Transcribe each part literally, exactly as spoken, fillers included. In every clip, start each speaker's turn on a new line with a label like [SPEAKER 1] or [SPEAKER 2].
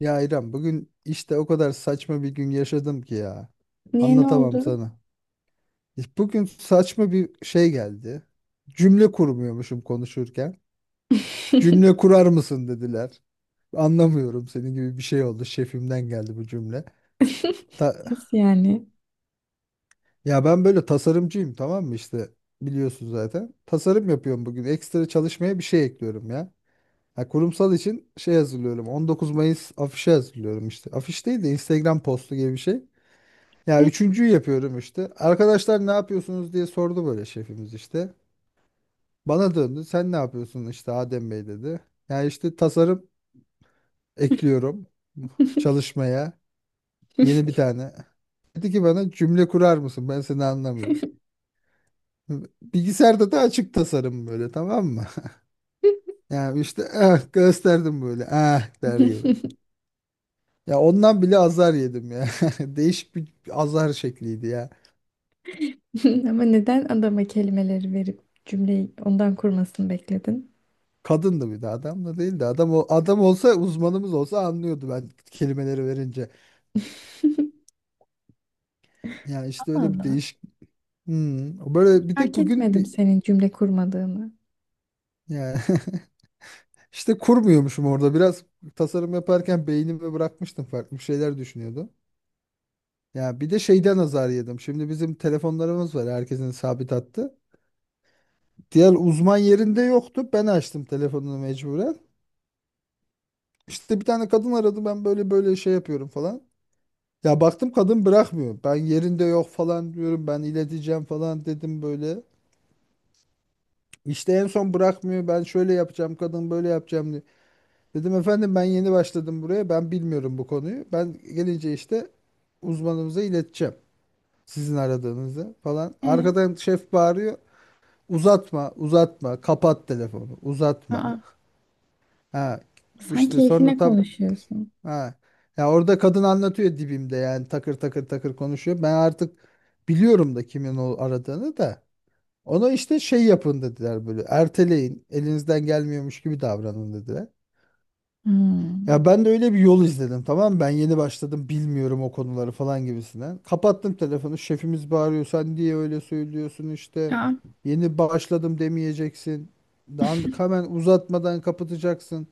[SPEAKER 1] Ya İrem bugün işte o kadar saçma bir gün yaşadım ki ya.
[SPEAKER 2] Niye ne
[SPEAKER 1] Anlatamam
[SPEAKER 2] oldu?
[SPEAKER 1] sana. İşte bugün saçma bir şey geldi. Cümle kurmuyormuşum konuşurken. Cümle kurar mısın dediler. Anlamıyorum senin gibi bir şey oldu. Şefimden geldi bu cümle. Ta-
[SPEAKER 2] Nasıl yani?
[SPEAKER 1] Ya ben böyle tasarımcıyım, tamam mı işte, biliyorsun zaten. Tasarım yapıyorum bugün. Ekstra çalışmaya bir şey ekliyorum ya. Ha, kurumsal için şey hazırlıyorum. 19 Mayıs afişi hazırlıyorum işte. Afiş değil de Instagram postu gibi bir şey. Ya üçüncüyü yapıyorum işte. Arkadaşlar ne yapıyorsunuz diye sordu böyle şefimiz işte. Bana döndü. Sen ne yapıyorsun işte Adem Bey dedi. Ya işte tasarım ekliyorum çalışmaya. Yeni bir tane. Dedi ki bana, cümle kurar mısın? Ben seni anlamıyorum. Bilgisayarda da açık tasarım böyle, tamam mı? Yani işte ah gösterdim böyle, ah der gibi. Ya ondan bile azar yedim ya. Değişik bir azar şekliydi ya.
[SPEAKER 2] Ama neden adama kelimeleri verip cümleyi ondan kurmasını bekledin?
[SPEAKER 1] Kadındı, bir de adam da değildi. Adam o adam olsa, uzmanımız olsa anlıyordu ben kelimeleri verince. Yani işte öyle bir
[SPEAKER 2] Allah, Allah.
[SPEAKER 1] değişik. Hmm. Böyle bir de
[SPEAKER 2] Fark
[SPEAKER 1] bugün
[SPEAKER 2] etmedim
[SPEAKER 1] bir,
[SPEAKER 2] senin cümle kurmadığını.
[SPEAKER 1] yani işte kurmuyormuşum orada biraz, tasarım yaparken beynimi bırakmıştım, farklı şeyler düşünüyordum. Ya bir de şeyden azar yedim. Şimdi bizim telefonlarımız var, herkesin sabit hattı. Diğer uzman yerinde yoktu. Ben açtım telefonunu mecburen. İşte bir tane kadın aradı, ben böyle böyle şey yapıyorum falan. Ya baktım kadın bırakmıyor. Ben yerinde yok falan diyorum. Ben ileteceğim falan dedim böyle. İşte en son bırakmıyor. Ben şöyle yapacağım, kadın böyle yapacağım diye. Dedim efendim ben yeni başladım buraya. Ben bilmiyorum bu konuyu. Ben gelince işte uzmanımıza ileteceğim. Sizin aradığınızı falan.
[SPEAKER 2] Ee,
[SPEAKER 1] Arkadan şef bağırıyor. Uzatma, uzatma, kapat telefonu, uzatma.
[SPEAKER 2] aa,
[SPEAKER 1] Ha,
[SPEAKER 2] sen
[SPEAKER 1] işte sonra
[SPEAKER 2] keyfine
[SPEAKER 1] tam.
[SPEAKER 2] konuşuyorsun.
[SPEAKER 1] Ha. Ya orada kadın anlatıyor dibimde, yani takır takır takır konuşuyor. Ben artık biliyorum da kimin o aradığını da. Ona işte şey yapın dediler, böyle erteleyin elinizden gelmiyormuş gibi davranın dediler.
[SPEAKER 2] Hmm.
[SPEAKER 1] Ya ben de öyle bir yol izledim, tamam mı? Ben yeni başladım bilmiyorum o konuları falan gibisinden. Kapattım telefonu, şefimiz bağırıyor sen diye öyle söylüyorsun işte.
[SPEAKER 2] Aa,
[SPEAKER 1] Yeni başladım demeyeceksin. Daha hemen uzatmadan kapatacaksın.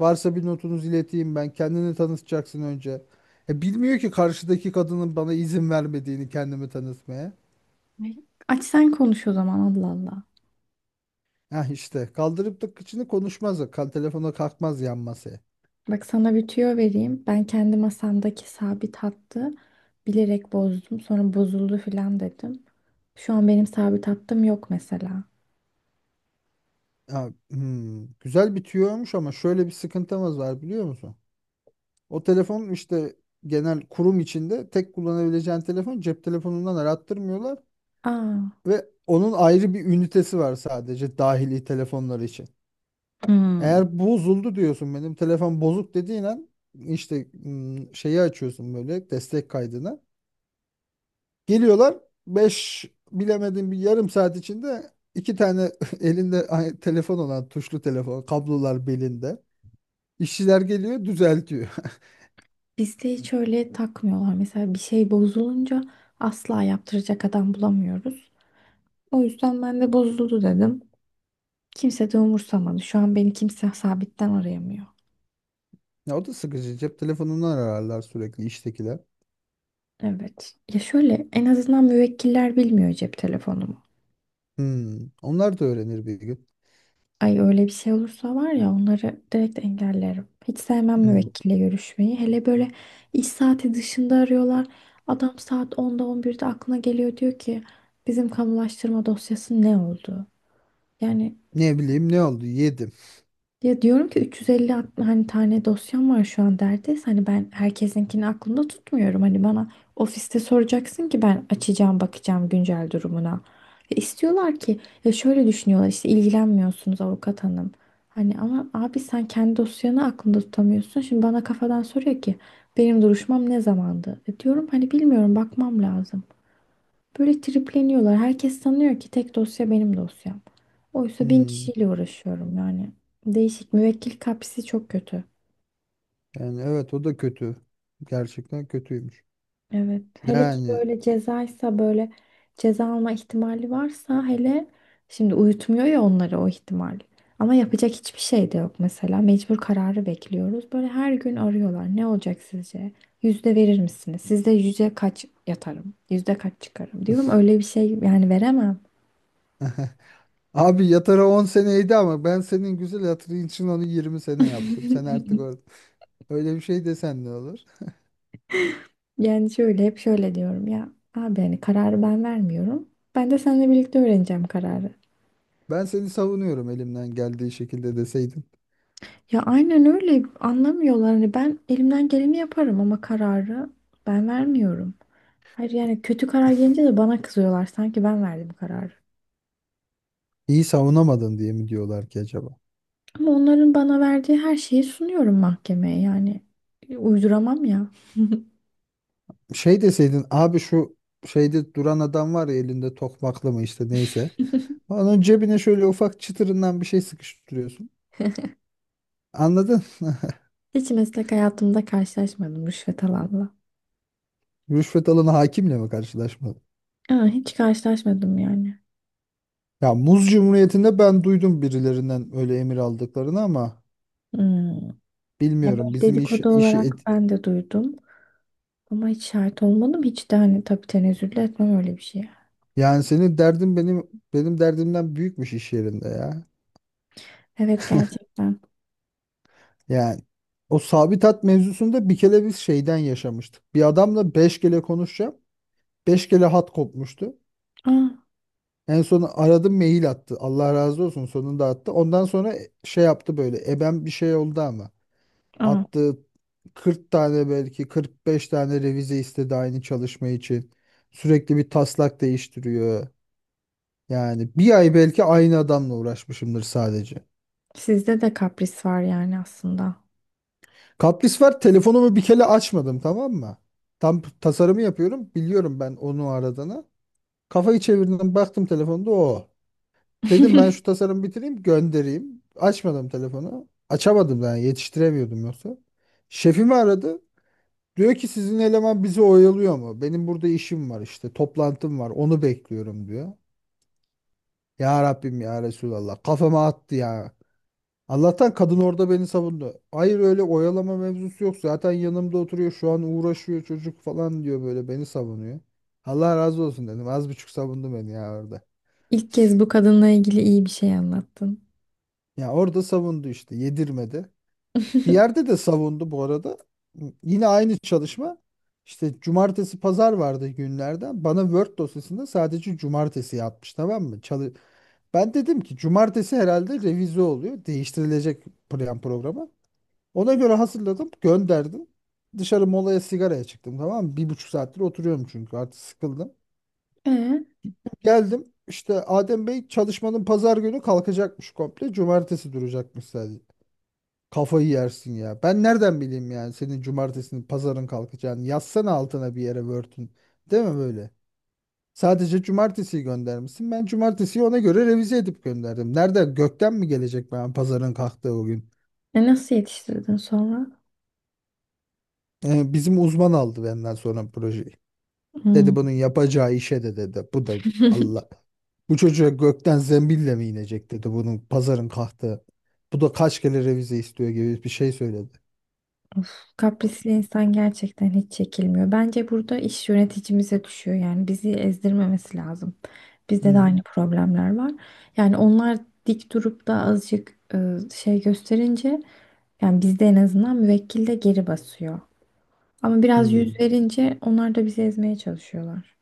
[SPEAKER 1] Varsa bir notunuzu ileteyim ben. Kendini tanıtacaksın önce. E, bilmiyor ki karşıdaki kadının bana izin vermediğini kendimi tanıtmaya.
[SPEAKER 2] ne? Aç sen konuş o zaman, Allah Allah.
[SPEAKER 1] Ha işte, kaldırıp da kıçını konuşmaz. Kal telefona kalkmaz yan masaya.
[SPEAKER 2] Bak sana bir tüyo vereyim. Ben kendi masamdaki sabit hattı bilerek bozdum. Sonra bozuldu filan dedim. Şu an benim sabit hattım yok mesela.
[SPEAKER 1] Ha, hmm, güzel bitiyormuş ama şöyle bir sıkıntımız var biliyor musun? O telefon işte genel kurum içinde tek kullanabileceğin telefon, cep telefonundan arattırmıyorlar
[SPEAKER 2] Aa.
[SPEAKER 1] ve onun ayrı bir ünitesi var sadece dahili telefonlar için.
[SPEAKER 2] Hmm.
[SPEAKER 1] Eğer bozuldu diyorsun, benim telefon bozuk dediğin an işte ım, şeyi açıyorsun böyle, destek kaydını. Geliyorlar beş, bilemedin bir yarım saat içinde iki tane elinde ay- telefon olan, tuşlu telefon, kablolar belinde. İşçiler geliyor düzeltiyor.
[SPEAKER 2] Bizde hiç öyle takmıyorlar. Mesela bir şey bozulunca asla yaptıracak adam bulamıyoruz. O yüzden ben de bozuldu dedim. Kimse de umursamadı. Şu an beni kimse sabitten arayamıyor.
[SPEAKER 1] Ya o da sıkıcı, cep telefonundan ararlar sürekli iştekiler.
[SPEAKER 2] Evet. Ya şöyle, en azından müvekkiller bilmiyor cep telefonumu.
[SPEAKER 1] Hmm, Onlar da öğrenir bir gün.
[SPEAKER 2] Ay, öyle bir şey olursa var ya, onları direkt engellerim. Hiç sevmem
[SPEAKER 1] Hmm,
[SPEAKER 2] müvekkille görüşmeyi. Hele böyle iş saati dışında arıyorlar. Adam saat onda on birde aklına geliyor, diyor ki bizim kamulaştırma dosyası ne oldu? Yani,
[SPEAKER 1] Ne bileyim ne oldu yedim.
[SPEAKER 2] ya diyorum ki üç yüz elli at- hani tane dosyam var şu an derdeyse, hani ben herkesinkini aklımda tutmuyorum. Hani bana ofiste soracaksın ki ben açacağım, bakacağım güncel durumuna. Ve istiyorlar ki, ya şöyle düşünüyorlar işte, ilgilenmiyorsunuz avukat hanım. Hani ama abi sen kendi dosyanı aklında tutamıyorsun. Şimdi bana kafadan soruyor ki benim duruşmam ne zamandı? E diyorum hani bilmiyorum, bakmam lazım. Böyle tripleniyorlar. Herkes sanıyor ki tek dosya benim dosyam. Oysa bin
[SPEAKER 1] Hmm,
[SPEAKER 2] kişiyle uğraşıyorum yani. Değişik. Müvekkil kapısı çok kötü.
[SPEAKER 1] Yani evet o da kötü. Gerçekten kötüymüş.
[SPEAKER 2] Evet. Hele ki
[SPEAKER 1] Yani
[SPEAKER 2] böyle cezaysa, böyle ceza alma ihtimali varsa hele, şimdi uyutmuyor ya onları o ihtimal. Ama yapacak hiçbir şey de yok mesela. Mecbur kararı bekliyoruz. Böyle her gün arıyorlar. Ne olacak sizce? Yüzde verir misiniz? Sizde yüzde kaç yatarım? Yüzde kaç çıkarım? Diyorum öyle bir şey yani, veremem.
[SPEAKER 1] abi, yatara on seneydi ama ben senin güzel hatırın için onu yirmi sene yaptım. Sen artık or- öyle bir şey desen ne olur?
[SPEAKER 2] Yani şöyle, hep şöyle diyorum ya abi, hani kararı ben vermiyorum. Ben de seninle birlikte öğreneceğim kararı.
[SPEAKER 1] Ben seni savunuyorum elimden geldiği şekilde deseydin.
[SPEAKER 2] Ya aynen öyle, anlamıyorlar. Hani ben elimden geleni yaparım ama kararı ben vermiyorum. Hayır yani, kötü karar gelince de bana kızıyorlar, sanki ben verdim kararı.
[SPEAKER 1] İyi savunamadın diye mi diyorlar ki acaba?
[SPEAKER 2] Ama onların bana verdiği her şeyi sunuyorum mahkemeye, yani uyduramam ya.
[SPEAKER 1] Şey deseydin abi, şu şeyde duran adam var ya, elinde tokmaklı mı işte, neyse. Onun cebine şöyle ufak çıtırından bir şey sıkıştırıyorsun. Anladın?
[SPEAKER 2] Hiç meslek hayatımda karşılaşmadım rüşvet alanla.
[SPEAKER 1] Rüşvet alanı hakimle mi karşılaşmalı?
[SPEAKER 2] Aa, hiç karşılaşmadım yani.
[SPEAKER 1] Ya Muz Cumhuriyeti'nde ben duydum birilerinden öyle emir aldıklarını ama
[SPEAKER 2] Hmm. Ya
[SPEAKER 1] bilmiyorum
[SPEAKER 2] böyle
[SPEAKER 1] bizim iş,
[SPEAKER 2] dedikodu
[SPEAKER 1] işi
[SPEAKER 2] olarak
[SPEAKER 1] et-
[SPEAKER 2] ben de duydum. Ama hiç şahit olmadım. Hiç de hani, tabii tenezzül de etmem öyle bir şeye.
[SPEAKER 1] Yani senin derdin benim benim derdimden büyükmüş iş yerinde ya.
[SPEAKER 2] Evet, gerçekten.
[SPEAKER 1] Yani o sabit hat mevzusunda bir kere biz şeyden yaşamıştık. Bir adamla beş kere konuşacağım, beş kere hat kopmuştu.
[SPEAKER 2] Aa,
[SPEAKER 1] En son aradım, mail attı. Allah razı olsun, sonunda attı. Ondan sonra şey yaptı böyle. Ebem bir şey oldu ama.
[SPEAKER 2] aa.
[SPEAKER 1] Attı kırk tane, belki kırk beş tane revize istedi aynı çalışma için. Sürekli bir taslak değiştiriyor. Yani bir ay belki aynı adamla uğraşmışımdır sadece.
[SPEAKER 2] Sizde de kapris var yani aslında.
[SPEAKER 1] Kapris var. Telefonumu bir kere açmadım, tamam mı? Tam tasarımı yapıyorum. Biliyorum ben onu aradığını. Kafayı çevirdim, baktım telefonda o. Dedim ben şu tasarımı bitireyim göndereyim. Açmadım telefonu. Açamadım da yani, yetiştiremiyordum yoksa. Şefimi aradı. Diyor ki sizin eleman bizi oyalıyor mu? Benim burada işim var, işte toplantım var, onu bekliyorum diyor. Ya Rabbim ya Resulallah, kafama attı ya. Allah'tan kadın orada beni savundu. Hayır öyle oyalama mevzusu yok. Zaten yanımda oturuyor şu an, uğraşıyor çocuk falan diyor, böyle beni savunuyor. Allah razı olsun dedim. Az buçuk savundu beni ya orada.
[SPEAKER 2] İlk kez bu kadınla ilgili iyi bir şey anlattın.
[SPEAKER 1] Ya orada savundu işte, yedirmedi. Bir yerde de savundu bu arada. Yine aynı çalışma. İşte cumartesi pazar vardı günlerden. Bana Word dosyasında sadece cumartesi yapmış, tamam mı? Çalı ben dedim ki cumartesi herhalde revize oluyor. Değiştirilecek plan programı. Ona göre hazırladım, gönderdim. Dışarı molaya sigaraya çıktım, tamam mı? Bir buçuk saattir oturuyorum çünkü artık sıkıldım.
[SPEAKER 2] E,
[SPEAKER 1] Geldim işte Adem Bey, çalışmanın pazar günü kalkacakmış komple. Cumartesi duracakmış sadece. Kafayı yersin ya. Ben nereden bileyim yani senin cumartesinin pazarın kalkacağını. Yazsana altına bir yere Word'ün. Değil mi böyle? Sadece cumartesiyi göndermişsin. Ben cumartesiyi ona göre revize edip gönderdim. Nerede, gökten mi gelecek ben pazarın kalktığı o gün?
[SPEAKER 2] e nasıl yetiştirdin sonra?
[SPEAKER 1] Ee, bizim uzman aldı benden sonra projeyi.
[SPEAKER 2] Hmm.
[SPEAKER 1] Dedi bunun yapacağı işe de dedi. Bu da Allah. Bu çocuğa gökten zembille mi inecek dedi bunun pazarın kahtığı. Bu da kaç kere revize istiyor gibi bir şey söyledi.
[SPEAKER 2] Kaprisli insan gerçekten hiç çekilmiyor. Bence burada iş yöneticimize düşüyor. Yani bizi ezdirmemesi lazım. Bizde de
[SPEAKER 1] Hmm,
[SPEAKER 2] aynı problemler var. Yani onlar dik durup da azıcık e, şey gösterince, yani bizde en azından müvekkil de geri basıyor. Ama biraz yüz
[SPEAKER 1] hmm.
[SPEAKER 2] verince onlar da bizi ezmeye çalışıyorlar.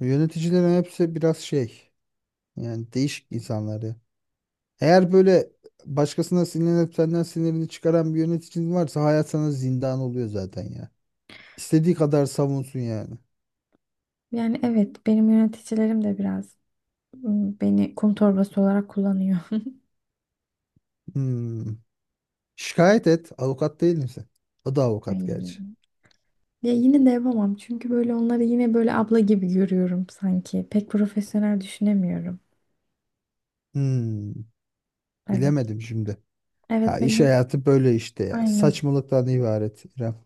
[SPEAKER 1] Yöneticilerin hepsi biraz şey, yani değişik insanları. Eğer böyle başkasına sinirlenip senden sinirini çıkaran bir yöneticin varsa hayat sana zindan oluyor zaten ya. İstediği kadar savunsun yani.
[SPEAKER 2] Yani evet, benim yöneticilerim de biraz ım, beni kum torbası olarak kullanıyor.
[SPEAKER 1] Hmm. Şikayet et. Avukat değil misin? O da avukat gerçi.
[SPEAKER 2] Ay. Ya yine de yapamam, çünkü böyle onları yine böyle abla gibi görüyorum sanki. Pek profesyonel düşünemiyorum.
[SPEAKER 1] Hmm,
[SPEAKER 2] Evet.
[SPEAKER 1] bilemedim şimdi. Ya
[SPEAKER 2] Evet
[SPEAKER 1] iş
[SPEAKER 2] benim
[SPEAKER 1] hayatı böyle işte ya.
[SPEAKER 2] aynen.
[SPEAKER 1] Saçmalıktan ibaret, İrem.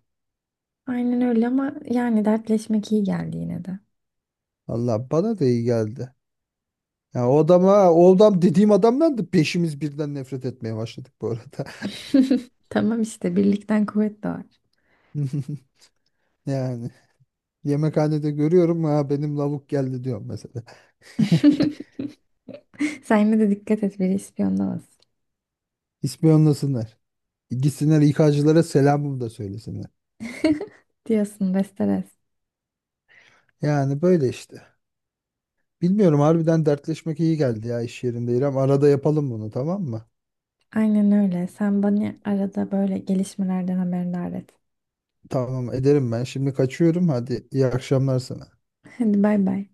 [SPEAKER 2] Aynen öyle, ama yani dertleşmek iyi geldi yine de.
[SPEAKER 1] Valla bana da iyi geldi. Ya o adama, o adam dediğim adamdan da beşimiz birden nefret etmeye başladık bu arada.
[SPEAKER 2] Tamam işte, birlikten kuvvet doğar.
[SPEAKER 1] Yani yemekhanede görüyorum, ha benim lavuk geldi diyorum mesela.
[SPEAKER 2] Sen yine de dikkat et, biri ispiyonlamasın.
[SPEAKER 1] İspiyonlasınlar. Gitsinler İK'cılara selamımı da söylesinler.
[SPEAKER 2] Diyorsun Besteres.
[SPEAKER 1] Yani böyle işte. Bilmiyorum harbiden, dertleşmek iyi geldi ya iş yerinde, İrem. Arada yapalım bunu, tamam mı?
[SPEAKER 2] Aynen öyle. Sen bana arada böyle gelişmelerden haberdar et.
[SPEAKER 1] Tamam ederim ben. Şimdi kaçıyorum. Hadi iyi akşamlar sana.
[SPEAKER 2] Hadi bay bay.